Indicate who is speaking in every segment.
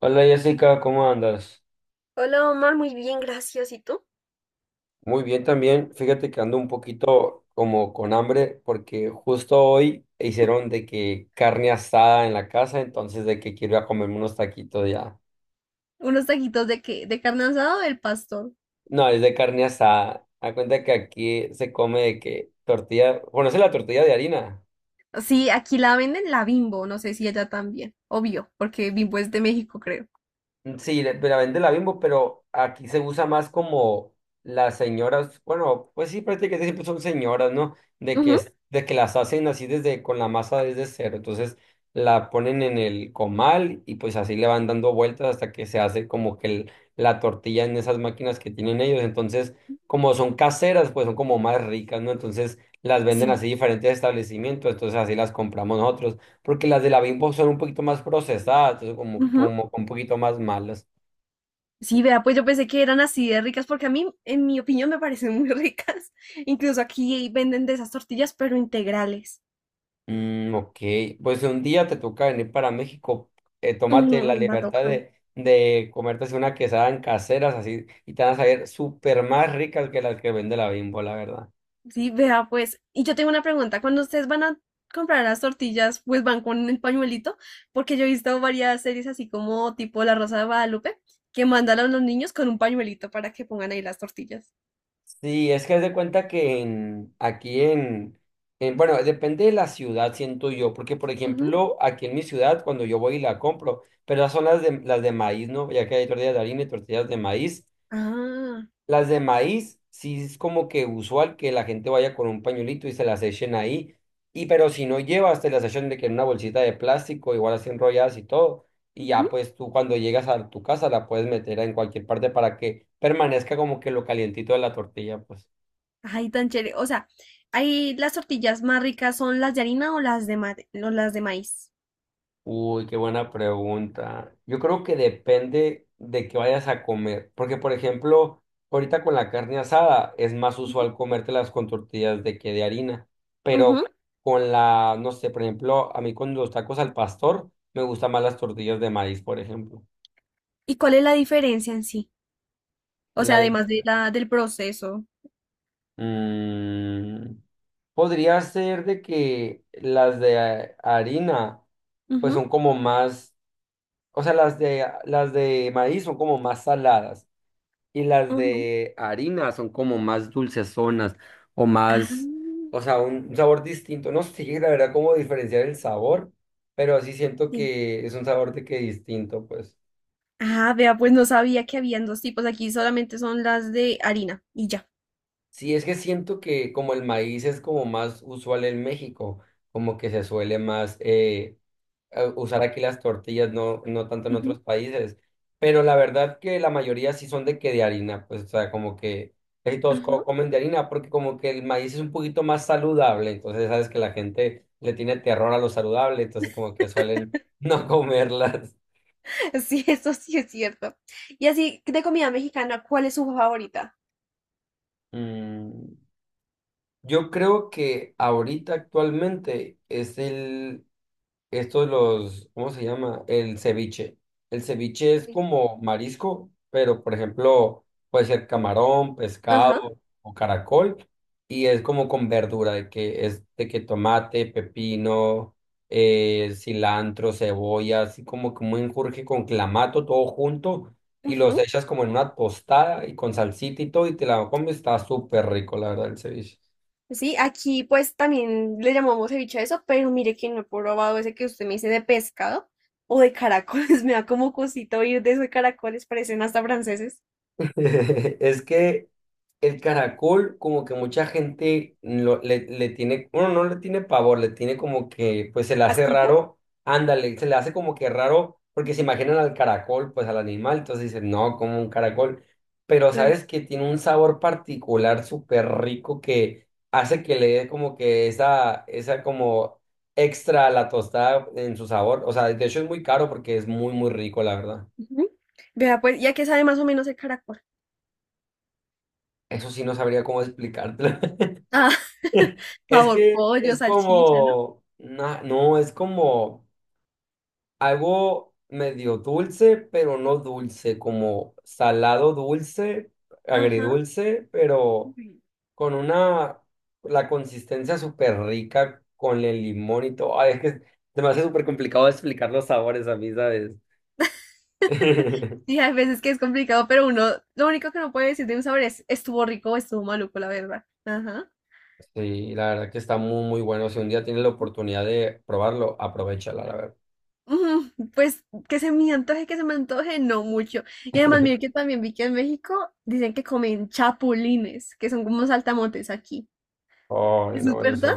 Speaker 1: Hola Jessica, ¿cómo andas?
Speaker 2: Hola Omar, muy bien, gracias. ¿Y tú?
Speaker 1: Muy bien también. Fíjate que ando un poquito como con hambre porque justo hoy hicieron de que carne asada en la casa, entonces de que quiero ir a comerme unos taquitos ya.
Speaker 2: ¿Unos taquitos de qué? ¿De carne asada o del pastor?
Speaker 1: No, es de carne asada. A cuenta que aquí se come de que tortilla, ¿conoces la tortilla de harina?
Speaker 2: Sí, aquí la venden la Bimbo, no sé si allá también. Obvio, porque Bimbo es de México, creo.
Speaker 1: Mm, sí, la vende la Bimbo, pero aquí se usa más como las señoras, bueno, pues sí, prácticamente siempre son señoras, ¿no? De que,
Speaker 2: Ujú.
Speaker 1: de que las hacen así desde, con la masa desde cero. Entonces la ponen en el comal y pues así le van dando vueltas hasta que se hace como que la tortilla en esas máquinas que tienen ellos. Entonces, como son caseras, pues son como más ricas, ¿no? Entonces las venden
Speaker 2: Sí.
Speaker 1: así diferentes establecimientos, entonces así las compramos nosotros porque las de la Bimbo son un poquito más procesadas, entonces como,
Speaker 2: Ujú.
Speaker 1: como un poquito más malas.
Speaker 2: Sí, vea, pues yo pensé que eran así de ricas, porque a mí, en mi opinión, me parecen muy ricas. Incluso aquí venden de esas tortillas, pero integrales.
Speaker 1: Mm, ok, pues un día te toca venir para México, tómate la
Speaker 2: Mm, va a
Speaker 1: libertad
Speaker 2: tocar.
Speaker 1: de comerte así una quesada en caseras así y te van a salir súper más ricas que las que vende la Bimbo, la verdad.
Speaker 2: Sí, vea, pues, y yo tengo una pregunta. Cuando ustedes van a comprar las tortillas, pues van con el pañuelito, porque yo he visto varias series así como tipo La Rosa de Guadalupe, que mandan a los niños con un pañuelito para que pongan ahí las tortillas.
Speaker 1: Sí, es que haz de cuenta que aquí en, bueno, depende de la ciudad, siento yo, porque por
Speaker 2: Ujú.
Speaker 1: ejemplo, aquí en mi ciudad, cuando yo voy y la compro, pero las son las de maíz, ¿no? Ya que hay tortillas de harina y tortillas de maíz.
Speaker 2: Ah,
Speaker 1: Las de maíz, sí es como que usual que la gente vaya con un pañuelito y se las echen ahí. Y pero si no llevas, te las echan de que en una bolsita de plástico, igual así enrolladas y todo. Y ya
Speaker 2: ujú.
Speaker 1: pues tú cuando llegas a tu casa la puedes meter en cualquier parte para que permanezca como que lo calientito de la tortilla, pues.
Speaker 2: Ay, tan chévere. O sea, ahí las tortillas más ricas son las de harina o o las de maíz.
Speaker 1: Uy, qué buena pregunta. Yo creo que depende de que vayas a comer, porque por ejemplo, ahorita con la carne asada es más
Speaker 2: Ujú.
Speaker 1: usual comértelas con tortillas de que de harina, pero
Speaker 2: Ujú.
Speaker 1: con la, no sé, por ejemplo, a mí con los tacos al pastor me gustan más las tortillas de maíz, por ejemplo.
Speaker 2: ¿Y cuál es la diferencia en sí? O
Speaker 1: La
Speaker 2: sea,
Speaker 1: de-
Speaker 2: además del proceso.
Speaker 1: Mm, Podría ser de que las de harina, pues
Speaker 2: Ujú,
Speaker 1: son como más, o sea, las de maíz son como más saladas. Y las
Speaker 2: ujú.
Speaker 1: de harina son como más dulcezonas o
Speaker 2: Ah,
Speaker 1: más, o sea, un sabor distinto. No sé, la verdad, cómo diferenciar el sabor, pero sí siento
Speaker 2: sí.
Speaker 1: que es un sabor de que distinto, pues.
Speaker 2: Ah, vea, pues no sabía que habían dos tipos. Aquí solamente son las de harina y ya.
Speaker 1: Sí, es que siento que como el maíz es como más usual en México, como que se suele más usar aquí las tortillas, no, no tanto en
Speaker 2: Ujú,
Speaker 1: otros países. Pero la verdad que la mayoría sí son de que de harina, pues, o sea, como que casi todos
Speaker 2: ajá.
Speaker 1: comen de harina, porque como que el maíz es un poquito más saludable, entonces sabes que la gente le tiene terror a lo saludable, entonces como que suelen no comerlas.
Speaker 2: Sí, eso sí es cierto. Y así, de comida mexicana, ¿cuál es su favorita?
Speaker 1: Mm, yo creo que ahorita actualmente es el, Estos los, ¿cómo se llama? El ceviche. El ceviche es
Speaker 2: Sí.
Speaker 1: como marisco, pero por ejemplo, puede ser camarón, pescado
Speaker 2: Ajá.
Speaker 1: o caracol, y es como con verdura, de que es de que tomate, pepino, cilantro, cebolla, así como un enjurje con clamato, todo junto, y los
Speaker 2: Ujú.
Speaker 1: echas como en una tostada y con salsita y todo, y te la comes, está súper rico, la verdad, el ceviche.
Speaker 2: Sí, aquí pues también le llamamos ceviche a eso, pero mire que no he probado ese que usted me dice de pescado o de caracoles. Me da como cosito oír de esos caracoles, parecen hasta franceses.
Speaker 1: Es que el caracol, como que mucha gente le tiene, bueno, no le tiene pavor, le tiene como que, pues se le hace
Speaker 2: ¿Asquito?
Speaker 1: raro, ándale, se le hace como que raro, porque se
Speaker 2: Ujú.
Speaker 1: imaginan al caracol, pues al animal, entonces dicen, no, como un caracol, pero
Speaker 2: Ay,
Speaker 1: sabes que tiene un sabor particular súper rico que hace que le dé como que esa como extra a la tostada en su sabor, o sea, de hecho es muy caro porque es muy, muy rico, la verdad.
Speaker 2: ujú. Vea, pues, ¿ya que sabe más o menos el caracol?
Speaker 1: Eso sí no sabría cómo explicártelo.
Speaker 2: Ah,
Speaker 1: Es
Speaker 2: sabor
Speaker 1: que
Speaker 2: pollo,
Speaker 1: es
Speaker 2: salchicha, ¿no?
Speaker 1: como, no, es como algo medio dulce, pero no dulce, como salado dulce,
Speaker 2: Ajá.
Speaker 1: agridulce, pero con una, la consistencia súper rica con el limón y todo. Ay, es que se me hace súper complicado explicar los sabores a mí, ¿sabes?
Speaker 2: Sí, hay veces que es complicado, pero uno, lo único que no puede decir de un sabor es, estuvo rico o estuvo maluco, la verdad. Ajá.
Speaker 1: Sí, la verdad que está muy, muy bueno. Si un día tienes la oportunidad de probarlo, aprovechala, la verdad.
Speaker 2: Ujú. Pues que se me antoje, que se me antoje, no mucho. Y además, mire que también vi que en México dicen que comen chapulines, que son como saltamontes aquí.
Speaker 1: Ay,
Speaker 2: ¿Eso es
Speaker 1: no, eso
Speaker 2: verdad?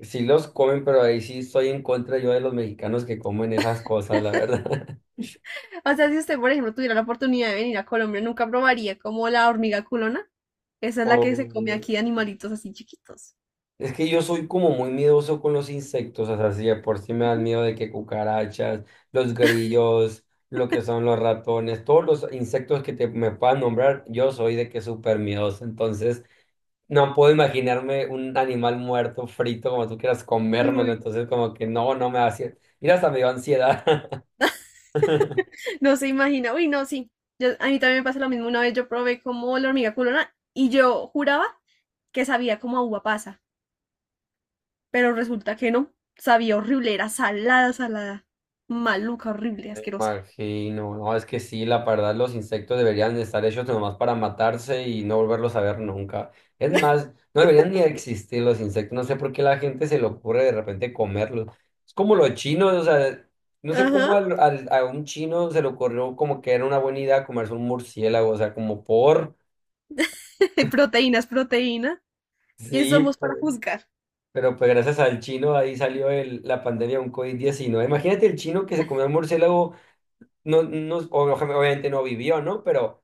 Speaker 1: sí los comen, pero ahí sí estoy en contra yo de los mexicanos que comen esas cosas, la verdad.
Speaker 2: O sea, si usted, por ejemplo, tuviera la oportunidad de venir a Colombia, nunca probaría como la hormiga culona. Esa es la que se come
Speaker 1: O,
Speaker 2: aquí de animalitos así chiquitos.
Speaker 1: Es que yo soy como muy miedoso con los insectos, o sea, si de por sí me dan
Speaker 2: Ujú.
Speaker 1: miedo de que cucarachas, los grillos, lo que son los ratones, todos los insectos que te, me puedan nombrar, yo soy de que súper miedoso, entonces no puedo imaginarme un animal muerto, frito, como tú quieras comérmelo,
Speaker 2: Uy.
Speaker 1: entonces como que no, no me hace, mira, hasta me dio ansiedad.
Speaker 2: No se imagina. Uy, no, sí. Yo, a mí también me pasa lo mismo. Una vez yo probé como la hormiga culona y yo juraba que sabía como a uva pasa, pero resulta que no. Sabía horrible, era salada, salada. Maluca, horrible, asquerosa.
Speaker 1: Imagino, no, es que sí, la verdad los insectos deberían de estar hechos nomás para matarse y no volverlos a ver nunca. Es más, no deberían ni existir los insectos, no sé por qué la gente se le ocurre de repente comerlos. Es como los chinos, o sea, no sé cómo
Speaker 2: Ajá.
Speaker 1: a un chino se le ocurrió como que era una buena idea comerse un murciélago, o sea, como por,
Speaker 2: Proteínas, proteína. ¿Quién
Speaker 1: sí,
Speaker 2: somos
Speaker 1: pues,
Speaker 2: para juzgar?
Speaker 1: pero pues gracias al chino ahí salió la pandemia de un COVID-19. Imagínate el chino que se comió el murciélago. No, no, obviamente no vivió, ¿no? Pero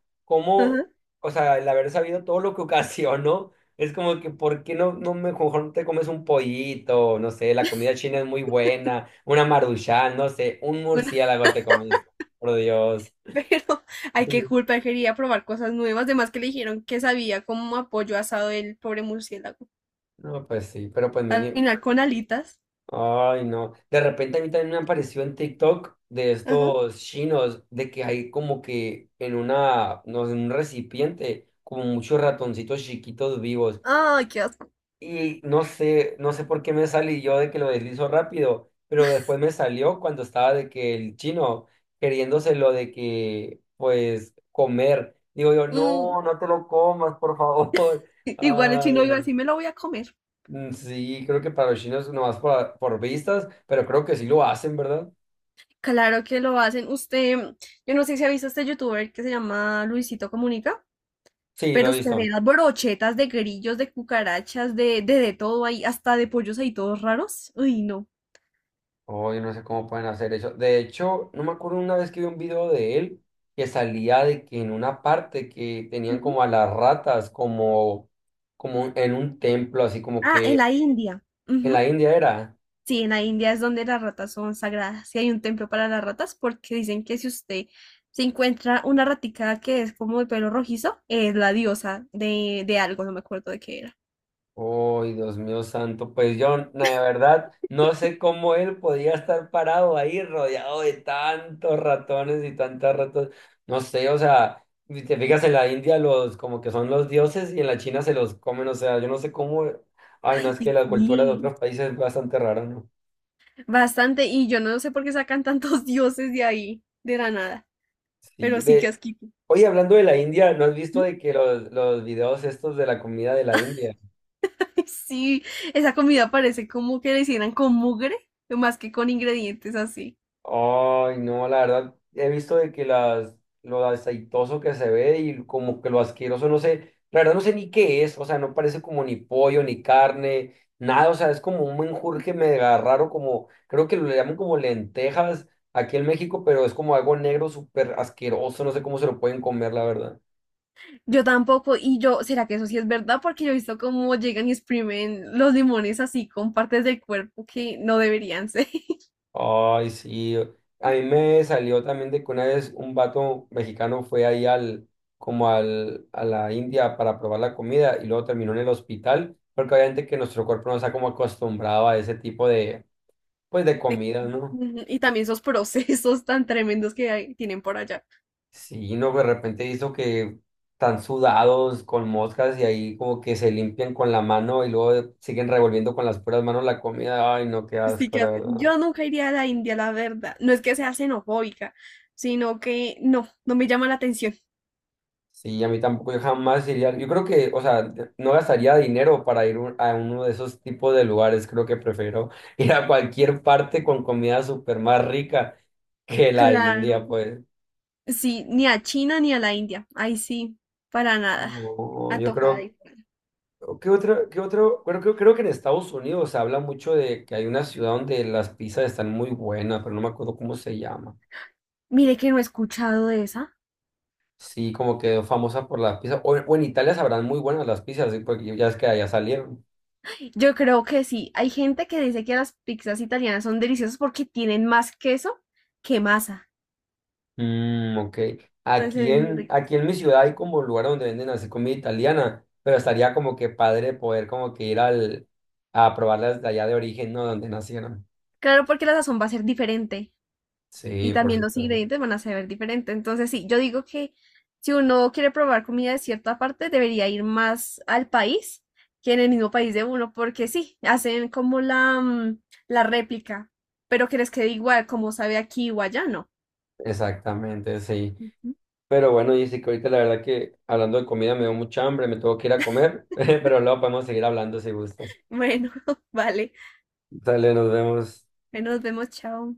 Speaker 2: Ajá.
Speaker 1: cómo, o sea, el haber sabido todo lo que ocasionó, es como que, ¿por qué no, mejor no te comes un pollito? No sé, la comida china es muy buena, una maruchan, no sé, un
Speaker 2: Bueno,
Speaker 1: murciélago te comes, por Dios.
Speaker 2: pero hay que
Speaker 1: Ujú.
Speaker 2: culpa, él quería probar cosas nuevas. Además que le dijeron que sabía como a pollo asado del pobre murciélago.
Speaker 1: No, pues sí, pero pues
Speaker 2: Al
Speaker 1: mínimo.
Speaker 2: final con alitas.
Speaker 1: Ay, no. De repente a mí también me apareció en TikTok de
Speaker 2: Ajá.
Speaker 1: estos chinos, de que hay como que en una, no sé, en un recipiente, como muchos ratoncitos chiquitos vivos.
Speaker 2: Ay, qué asco.
Speaker 1: Y no sé, no sé por qué me salí yo de que lo deslizo rápido, pero después me salió cuando estaba de que el chino queriéndose lo de que, pues, comer. Digo yo,
Speaker 2: Mm.
Speaker 1: no, no te lo comas, por favor.
Speaker 2: Igual el chino
Speaker 1: Ay,
Speaker 2: iba a
Speaker 1: no.
Speaker 2: decir, me lo voy a comer.
Speaker 1: Mm, sí, creo que para los chinos nomás por vistas, pero creo que sí lo hacen, ¿verdad?
Speaker 2: Claro que lo hacen. Usted, yo no sé si ha visto este youtuber que se llama Luisito Comunica,
Speaker 1: Sí, lo
Speaker 2: pero
Speaker 1: he
Speaker 2: usted ve
Speaker 1: visto.
Speaker 2: las brochetas de grillos, de cucarachas, de todo ahí, hasta de pollos ahí todos raros. Uy, no.
Speaker 1: Hoy no sé cómo pueden hacer eso. De hecho, no me acuerdo una vez que vi un video de él que salía de que en una parte que tenían
Speaker 2: Ujú.
Speaker 1: como a las ratas como, como en un templo, así como
Speaker 2: Ah, en
Speaker 1: que
Speaker 2: la India.
Speaker 1: en
Speaker 2: Ujú.
Speaker 1: la India era.
Speaker 2: Sí, en la India es donde las ratas son sagradas. Y hay un templo para las ratas porque dicen que si usted se encuentra una ratica que es como de pelo rojizo, es la diosa de algo, no me acuerdo de qué era.
Speaker 1: Uy, Dios mío santo, pues yo, la verdad, no sé cómo él podía estar parado ahí rodeado de tantos ratones y tantas ratas, no sé, o sea, si te fijas en la India los como que son los dioses y en la China se los comen, o sea, yo no sé cómo, ay, no, es que
Speaker 2: Y
Speaker 1: la cultura de
Speaker 2: sí.
Speaker 1: otros países es bastante rara, ¿no?
Speaker 2: Bastante, y yo no sé por qué sacan tantos dioses de ahí, de la nada, pero
Speaker 1: Sí,
Speaker 2: sí que asquito.
Speaker 1: oye, hablando de la India, ¿no has visto
Speaker 2: ¿Mm?
Speaker 1: de que los videos estos de la comida de la India?
Speaker 2: Sí, esa comida parece como que la hicieran con mugre, más que con ingredientes así.
Speaker 1: Ay, no, la verdad, he visto de que lo aceitoso que se ve y como que lo asqueroso, no sé, la verdad no sé ni qué es, o sea, no parece como ni pollo, ni carne, nada, o sea, es como un menjurje mega raro, como, creo que lo llaman como lentejas aquí en México, pero es como algo negro súper asqueroso, no sé cómo se lo pueden comer, la verdad.
Speaker 2: Yo tampoco, y yo, ¿será que eso sí es verdad? Porque yo he visto cómo llegan y exprimen los limones así con partes del cuerpo que no deberían ser.
Speaker 1: Ay, sí. A
Speaker 2: Mm.
Speaker 1: mí me salió también de que una vez un vato mexicano fue ahí como a la India para probar la comida y luego terminó en el hospital, porque obviamente que nuestro cuerpo no está como acostumbrado a ese tipo de, pues, de
Speaker 2: de-
Speaker 1: comida, ¿no?
Speaker 2: Ujú, y también esos procesos tan tremendos que tienen por allá.
Speaker 1: Sí, no, de repente hizo que están sudados con moscas y ahí como que se limpian con la mano y luego siguen revolviendo con las puras manos la comida. Ay, no, qué
Speaker 2: Pues sí
Speaker 1: asco,
Speaker 2: que
Speaker 1: la verdad.
Speaker 2: yo nunca iría a la India, la verdad. No es que sea xenofóbica, sino que no me llama la atención.
Speaker 1: Sí, a mí tampoco, yo jamás iría. Yo creo que, o sea, no gastaría dinero para ir a uno de esos tipos de lugares. Creo que prefiero ir a cualquier parte con comida súper más rica que la India,
Speaker 2: Claro.
Speaker 1: pues.
Speaker 2: Sí, ni a China ni a la India. Ahí sí, para nada.
Speaker 1: No, yo
Speaker 2: Antojada.
Speaker 1: creo, ¿qué otro, qué otro? Creo que en Estados Unidos se habla mucho de que hay una ciudad donde las pizzas están muy buenas, pero no me acuerdo cómo se llama.
Speaker 2: Mire que no he escuchado de esa.
Speaker 1: Sí, como que famosa por las pizzas. O en Italia sabrán muy buenas las pizzas, sí, porque ya es que allá salieron.
Speaker 2: Yo creo que sí. Hay gente que dice que las pizzas italianas son deliciosas porque tienen más queso que masa.
Speaker 1: Mm, ok.
Speaker 2: Entonces se
Speaker 1: Aquí
Speaker 2: ven muy
Speaker 1: en, aquí
Speaker 2: ricas.
Speaker 1: en mi ciudad hay como lugar donde venden así comida italiana, pero estaría como que padre poder como que ir a probarlas de allá de origen, ¿no? Donde nacieron.
Speaker 2: Claro, porque la sazón va a ser diferente y
Speaker 1: Sí, por
Speaker 2: también los
Speaker 1: supuesto.
Speaker 2: ingredientes van a ser diferentes. Entonces sí, yo digo que si uno quiere probar comida de cierta parte, debería ir más al país que en el mismo país de uno, porque sí, hacen como la, la réplica, pero que les quede igual como sabe aquí o allá, no.
Speaker 1: Exactamente, sí.
Speaker 2: Ujú.
Speaker 1: Pero bueno, dice que ahorita la verdad que hablando de comida me dio mucha hambre, me tengo que ir a comer, pero luego podemos seguir hablando si gustas.
Speaker 2: Bueno, vale.
Speaker 1: Dale, nos vemos.
Speaker 2: Ahí nos vemos, chao.